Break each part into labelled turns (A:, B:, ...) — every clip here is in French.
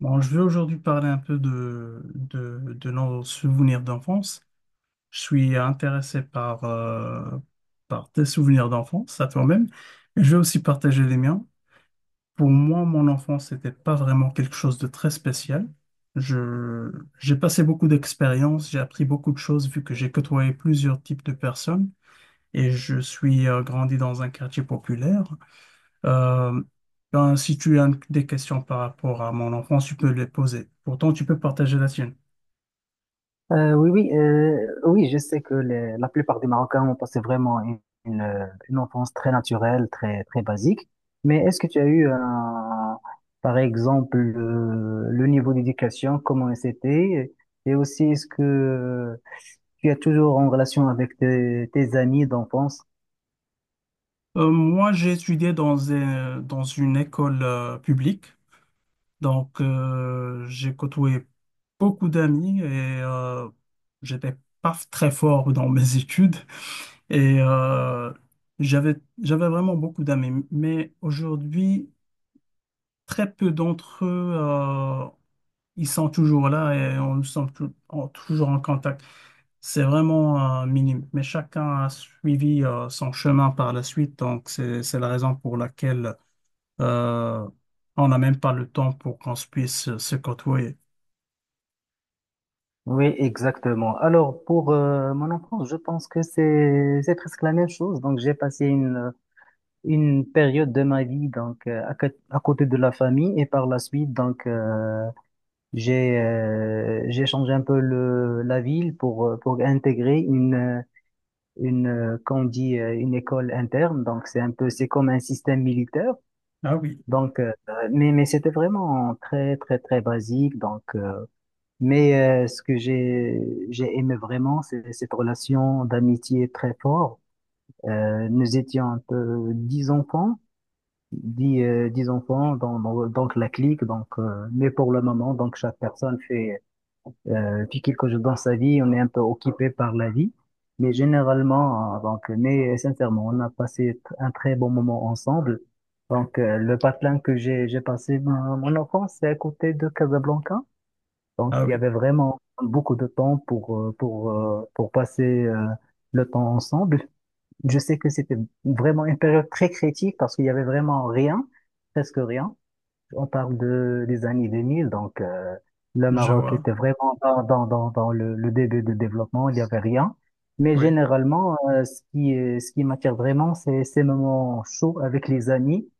A: Bon, je vais aujourd'hui parler un peu de nos souvenirs d'enfance. Je suis intéressé par, par tes souvenirs d'enfance, à toi-même. Et je vais aussi partager les miens. Pour moi, mon enfance n'était pas vraiment quelque chose de très spécial. Je, j'ai passé beaucoup d'expériences, j'ai appris beaucoup de choses vu que j'ai côtoyé plusieurs types de personnes et je suis grandi dans un quartier populaire. Euh, ben, si tu as des questions par rapport à mon enfance, tu peux les poser. Pourtant, tu peux partager la tienne.
B: Oui, oui, oui, je sais que la plupart des Marocains ont passé vraiment une enfance très naturelle, très, très basique. Mais est-ce que tu as eu, par exemple, le niveau d'éducation, comment c'était? Et aussi, est-ce que tu es toujours en relation avec tes amis d'enfance?
A: Moi, j'ai étudié dans une école publique, j'ai côtoyé beaucoup d'amis et euh, j'étais pas très fort dans mes études et j'avais j'avais vraiment beaucoup d'amis. Mais aujourd'hui, très peu d'entre eux, ils sont toujours là et on nous sommes toujours en contact. C'est vraiment minime, mais chacun a suivi son chemin par la suite, donc c'est la raison pour laquelle euh, on n'a même pas le temps pour qu'on se puisse se côtoyer.
B: Oui, exactement. Alors, pour mon enfance, je pense que c'est presque la même chose. Donc, j'ai passé une période de ma vie donc à côté de la famille, et par la suite donc j'ai changé un peu le la ville pour intégrer une qu'on dit une école interne, donc c'est comme un système militaire
A: Ah oui,
B: donc mais c'était vraiment très très très basique donc mais ce que j'ai aimé vraiment, c'est cette relation d'amitié très forte. Nous étions un peu dix enfants, donc la clique, donc, mais pour le moment, donc chaque personne fait quelque chose dans sa vie, on est un peu occupé par la vie, mais généralement, donc, mais sincèrement, on a passé un très bon moment ensemble. Donc, le patelin que j'ai passé mon enfance, c'est à côté de Casablanca. Donc,
A: ah
B: il y
A: oui,
B: avait vraiment beaucoup de temps pour passer, le temps ensemble. Je sais que c'était vraiment une période très critique parce qu'il y avait vraiment rien, presque rien. On parle des années 2000, donc le
A: je
B: Maroc était
A: vois,
B: vraiment dans le début de développement, il n'y avait rien. Mais
A: oui,
B: généralement, ce qui m'attire vraiment, c'est ces moments chauds avec les amis.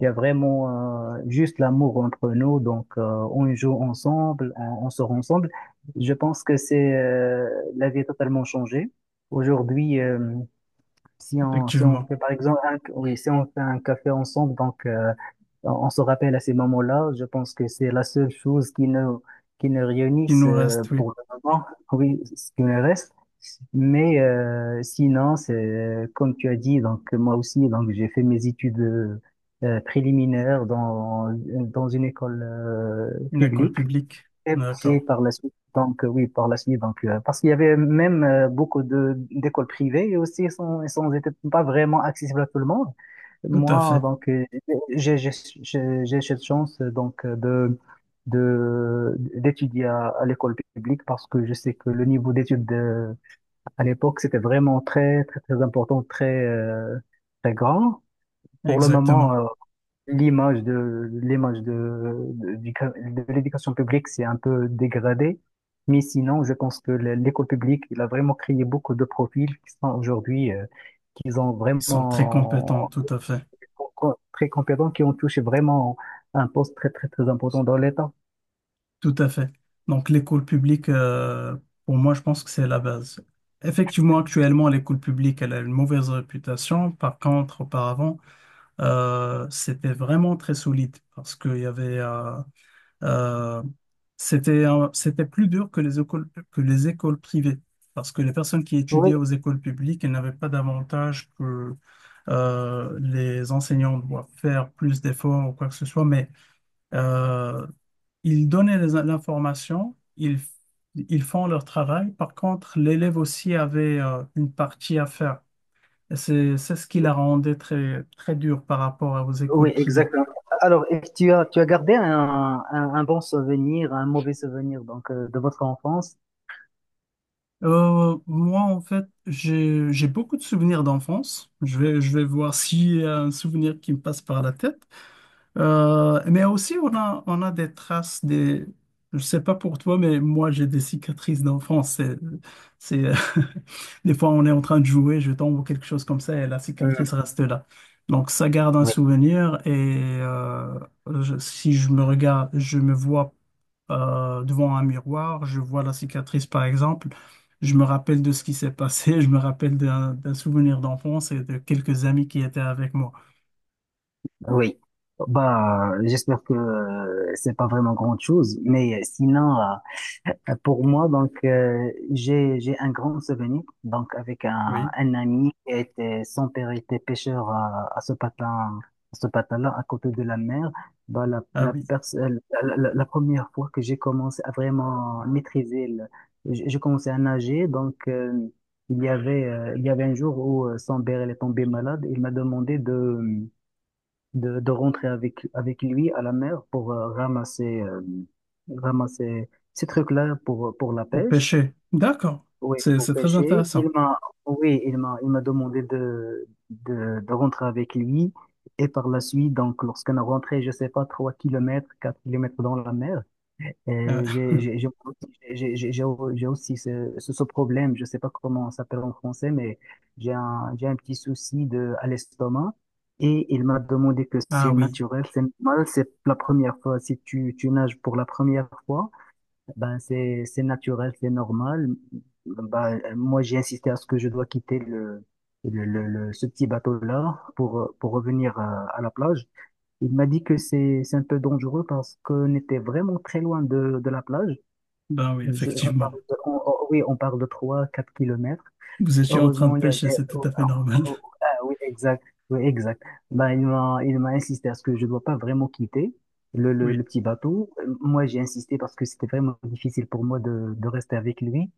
B: Il y a vraiment juste l'amour entre nous, donc on joue ensemble, on sort ensemble. Je pense que c'est la vie a totalement changé. Aujourd'hui, si on
A: effectivement.
B: fait par exemple oui, si on fait un café ensemble, donc on se rappelle à ces moments-là. Je pense que c'est la seule chose qui nous
A: Il
B: réunissent
A: nous reste, oui,
B: pour le moment, oui, ce qui me reste. Mais sinon, c'est comme tu as dit. Donc moi aussi, donc j'ai fait mes études préliminaires dans une école
A: une école
B: publique.
A: publique,
B: Et puis
A: d'accord,
B: par la suite, donc oui, par la suite, donc parce qu'il y avait même beaucoup de d'écoles privées, et aussi elles étaient pas vraiment accessibles à tout le monde.
A: tout à
B: Moi,
A: fait,
B: donc j'ai j'ai j'ai cette chance donc de d'étudier à l'école publique, parce que je sais que le niveau d'études à l'époque c'était vraiment très très très important, très très grand. Pour le moment,
A: exactement.
B: l'image de l'éducation publique s'est un peu dégradée. Mais sinon, je pense que l'école publique, il a vraiment créé beaucoup de profils qui sont aujourd'hui, qui sont
A: Ils sont très compétents,
B: vraiment
A: tout à fait.
B: très compétents, qui ont touché vraiment un poste très, très, très important dans l'État.
A: Tout à fait. Donc l'école publique, pour moi, je pense que c'est la base. Effectivement, actuellement, l'école publique, elle a une mauvaise réputation. Par contre, auparavant, c'était vraiment très solide parce qu'il y avait, euh, c'était, c'était plus dur que les écoles privées parce que les personnes qui
B: Oui,
A: étudiaient aux écoles publiques, elles n'avaient pas d'avantage que les enseignants doivent faire plus d'efforts ou quoi que ce soit, mais euh, ils donnaient l'information, ils font leur travail. Par contre, l'élève aussi avait une partie à faire. Et c'est ce qui la rendait très, très dure par rapport aux écoles
B: oui,
A: privées.
B: exactement. Alors, et tu as gardé un bon souvenir, un mauvais souvenir donc de votre enfance?
A: Moi, en fait, j'ai beaucoup de souvenirs d'enfance. Je vais voir s'il y a un souvenir qui me passe par la tête. Mais aussi, on a des traces des... Je sais pas pour toi, mais moi, j'ai des cicatrices d'enfance. C'est, euh, des fois, on est en train de jouer, je tombe ou quelque chose comme ça, et la
B: Hmm.
A: cicatrice reste là. Donc, ça garde un souvenir. Et si je me regarde, je me vois devant un miroir, je vois la cicatrice, par exemple. Je me rappelle de ce qui s'est passé, je me rappelle d'un souvenir d'enfance et de quelques amis qui étaient avec moi.
B: Oui, bah, j'espère que c'est pas vraiment grande chose, mais sinon, pour moi, donc, j'ai un grand souvenir, donc, avec un,
A: Oui.
B: un ami qui était, son père était pêcheur à ce patin-là, à côté de la mer. Bah, la,
A: Ah
B: la,
A: oui.
B: pers- la, la- la première fois que j'ai commencé à vraiment maîtriser j'ai commencé à nager, donc, il y avait un jour où son père il est tombé malade, il m'a demandé de rentrer avec lui à la mer pour ramasser ces trucs-là pour la
A: Pour
B: pêche.
A: pêcher. D'accord.
B: Oui, pour
A: C'est très
B: pêcher.
A: intéressant.
B: Oui, il m'a demandé de rentrer avec lui. Et par la suite, donc, lorsqu'on a rentré, je sais pas, 3 kilomètres, 4 kilomètres dans la mer,
A: Euh,
B: euh, j'ai j'ai- j'ai- j'ai- j'ai- j'ai- j'ai aussi ce problème, je sais pas comment on s'appelle en français, mais j'ai un petit souci à l'estomac. Et il m'a demandé que c'est
A: ah oui,
B: naturel, c'est normal, c'est la première fois. Si tu nages pour la première fois, ben, c'est naturel, c'est normal. Ben, moi, j'ai insisté à ce que je dois quitter ce petit bateau-là pour revenir à la plage. Il m'a dit que c'est un peu dangereux parce qu'on était vraiment très loin de la plage.
A: ben oui,
B: On parle
A: effectivement.
B: de- on- oui, on parle de 3, 4 kilomètres.
A: Vous étiez en train de
B: Heureusement, il y avait.
A: pêcher, c'est tout
B: Oh,
A: à fait
B: ah,
A: normal.
B: oh, ah, oui, exact. Oui, exact. Ben, il m'a insisté à ce que je ne dois pas vraiment quitter le, le,
A: Oui,
B: le petit bateau. Moi, j'ai insisté parce que c'était vraiment difficile pour moi de rester avec lui.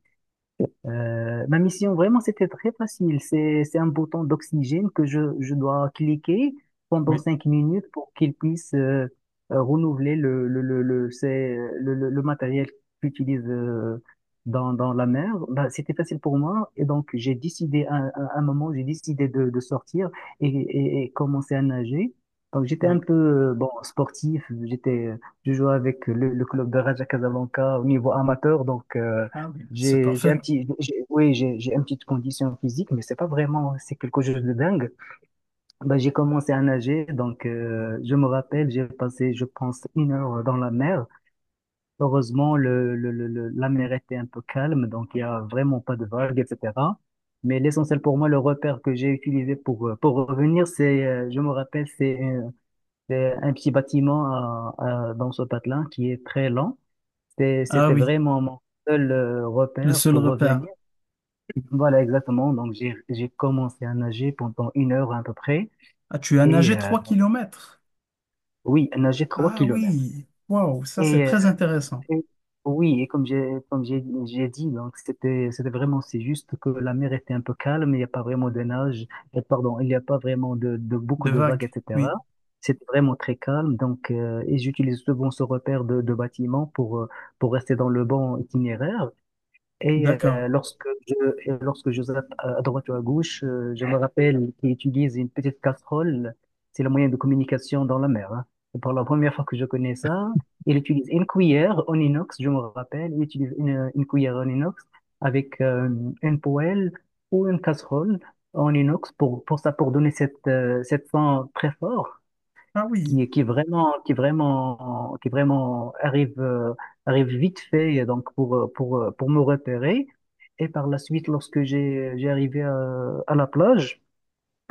B: Ma mission, vraiment, c'était très facile. C'est un bouton d'oxygène que je dois cliquer pendant
A: oui,
B: 5 minutes pour qu'il puisse renouveler le, c'est, le matériel qu'il utilise dans la mer. Bah, c'était facile pour moi. Et donc, j'ai décidé, à un moment, j'ai décidé de sortir et commencer à nager. Donc, j'étais un
A: oui.
B: peu bon, sportif. Je jouais avec le club de Raja Casablanca au niveau amateur. Donc,
A: Ah oui, c'est
B: j'ai un
A: parfait.
B: petit, oui, j'ai une petite condition physique, mais c'est pas vraiment, c'est quelque chose de dingue. Bah, j'ai commencé à nager, donc je me rappelle, j'ai passé, je pense, 1 heure dans la mer. Heureusement, la mer était un peu calme, donc il y a vraiment pas de vagues, etc. Mais l'essentiel pour moi, le repère que j'ai utilisé pour revenir, je me rappelle, c'est un petit bâtiment dans ce patelin qui est très lent.
A: Ah
B: C'était
A: oui,
B: vraiment mon seul
A: le
B: repère
A: seul
B: pour
A: repère.
B: revenir. Voilà, exactement. Donc, j'ai commencé à nager pendant 1 heure à peu près.
A: Ah, tu as
B: Et
A: nagé 3 kilomètres.
B: oui, à nager trois
A: Ah
B: kilomètres.
A: oui, waouh, ça c'est
B: Et, euh,
A: très intéressant.
B: et- oui, et comme j'ai dit, donc, c'était vraiment, c'est juste que la mer était un peu calme, il n'y a pas vraiment de nage, pardon, il n'y a pas vraiment de beaucoup
A: Des
B: de vagues,
A: vagues,
B: etc.
A: oui,
B: C'était vraiment très calme. Donc, et j'utilise souvent ce repère de bâtiment pour rester dans le bon itinéraire. Et
A: d'accord.
B: lorsque je zappe à droite ou à gauche, je me rappelle qu'il utilise une petite casserole. C'est le moyen de communication dans la mer, hein. Et pour la première fois que je connais ça, il utilise une cuillère en inox, je me rappelle. Il utilise une cuillère en inox avec une poêle ou une casserole en inox pour ça, pour donner cette fin très fort
A: Ah oui,
B: qui vraiment arrive vite fait donc pour me repérer. Et par la suite, lorsque j'ai arrivé à la plage,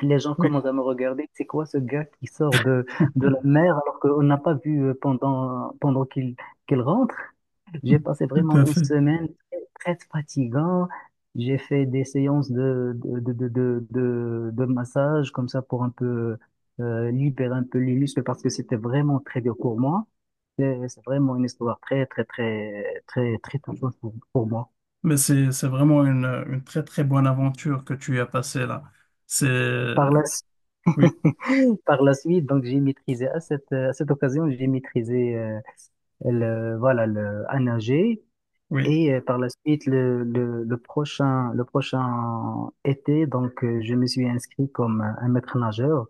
B: les gens
A: oui,
B: commencent à me regarder. C'est quoi ce gars qui sort de la mer alors qu'on n'a pas vu pendant qu'il rentre? J'ai passé
A: tout
B: vraiment
A: à
B: une
A: fait.
B: semaine très, très fatigante. J'ai fait des séances de massage comme ça pour un peu libérer un peu les muscles parce que c'était vraiment très dur pour moi. C'est vraiment une histoire très, très, très, très, très touchante pour moi.
A: Mais c'est vraiment une très très bonne aventure que tu as passée là. C'est,
B: Par la suite,
A: oui,
B: par la suite, donc j'ai maîtrisé à cette occasion, j'ai maîtrisé voilà, à nager.
A: oui,
B: Et par la suite, le prochain été, donc, je me suis inscrit comme un maître nageur.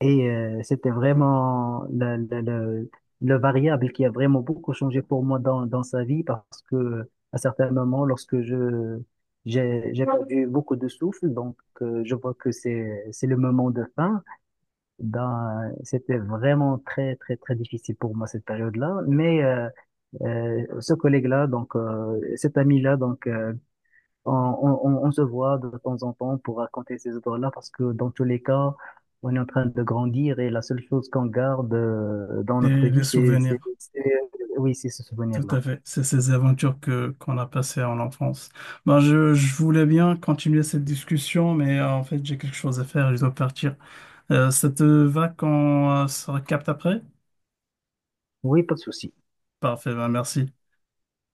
B: Et c'était vraiment le variable qui a vraiment beaucoup changé pour moi dans sa vie, parce que à certains moments, j'ai perdu beaucoup de souffle, donc je vois que c'est le moment de fin. Ben, c'était vraiment très, très, très difficile pour moi cette période-là. Mais ce collègue-là, donc cet ami-là, donc on se voit de temps en temps pour raconter ces histoires-là, parce que dans tous les cas, on est en train de grandir, et la seule chose qu'on garde dans notre
A: et
B: vie,
A: les
B: c'est, c'est,
A: souvenirs.
B: c'est- oui, c'est ce
A: Tout
B: souvenir-là.
A: à fait. C'est ces aventures que qu'on a passées en enfance. Je voulais bien continuer cette discussion, mais en fait, j'ai quelque chose à faire, je dois partir. Ça te va qu'on se recapte après?
B: Oui, pas de souci.
A: Parfait, ben, merci.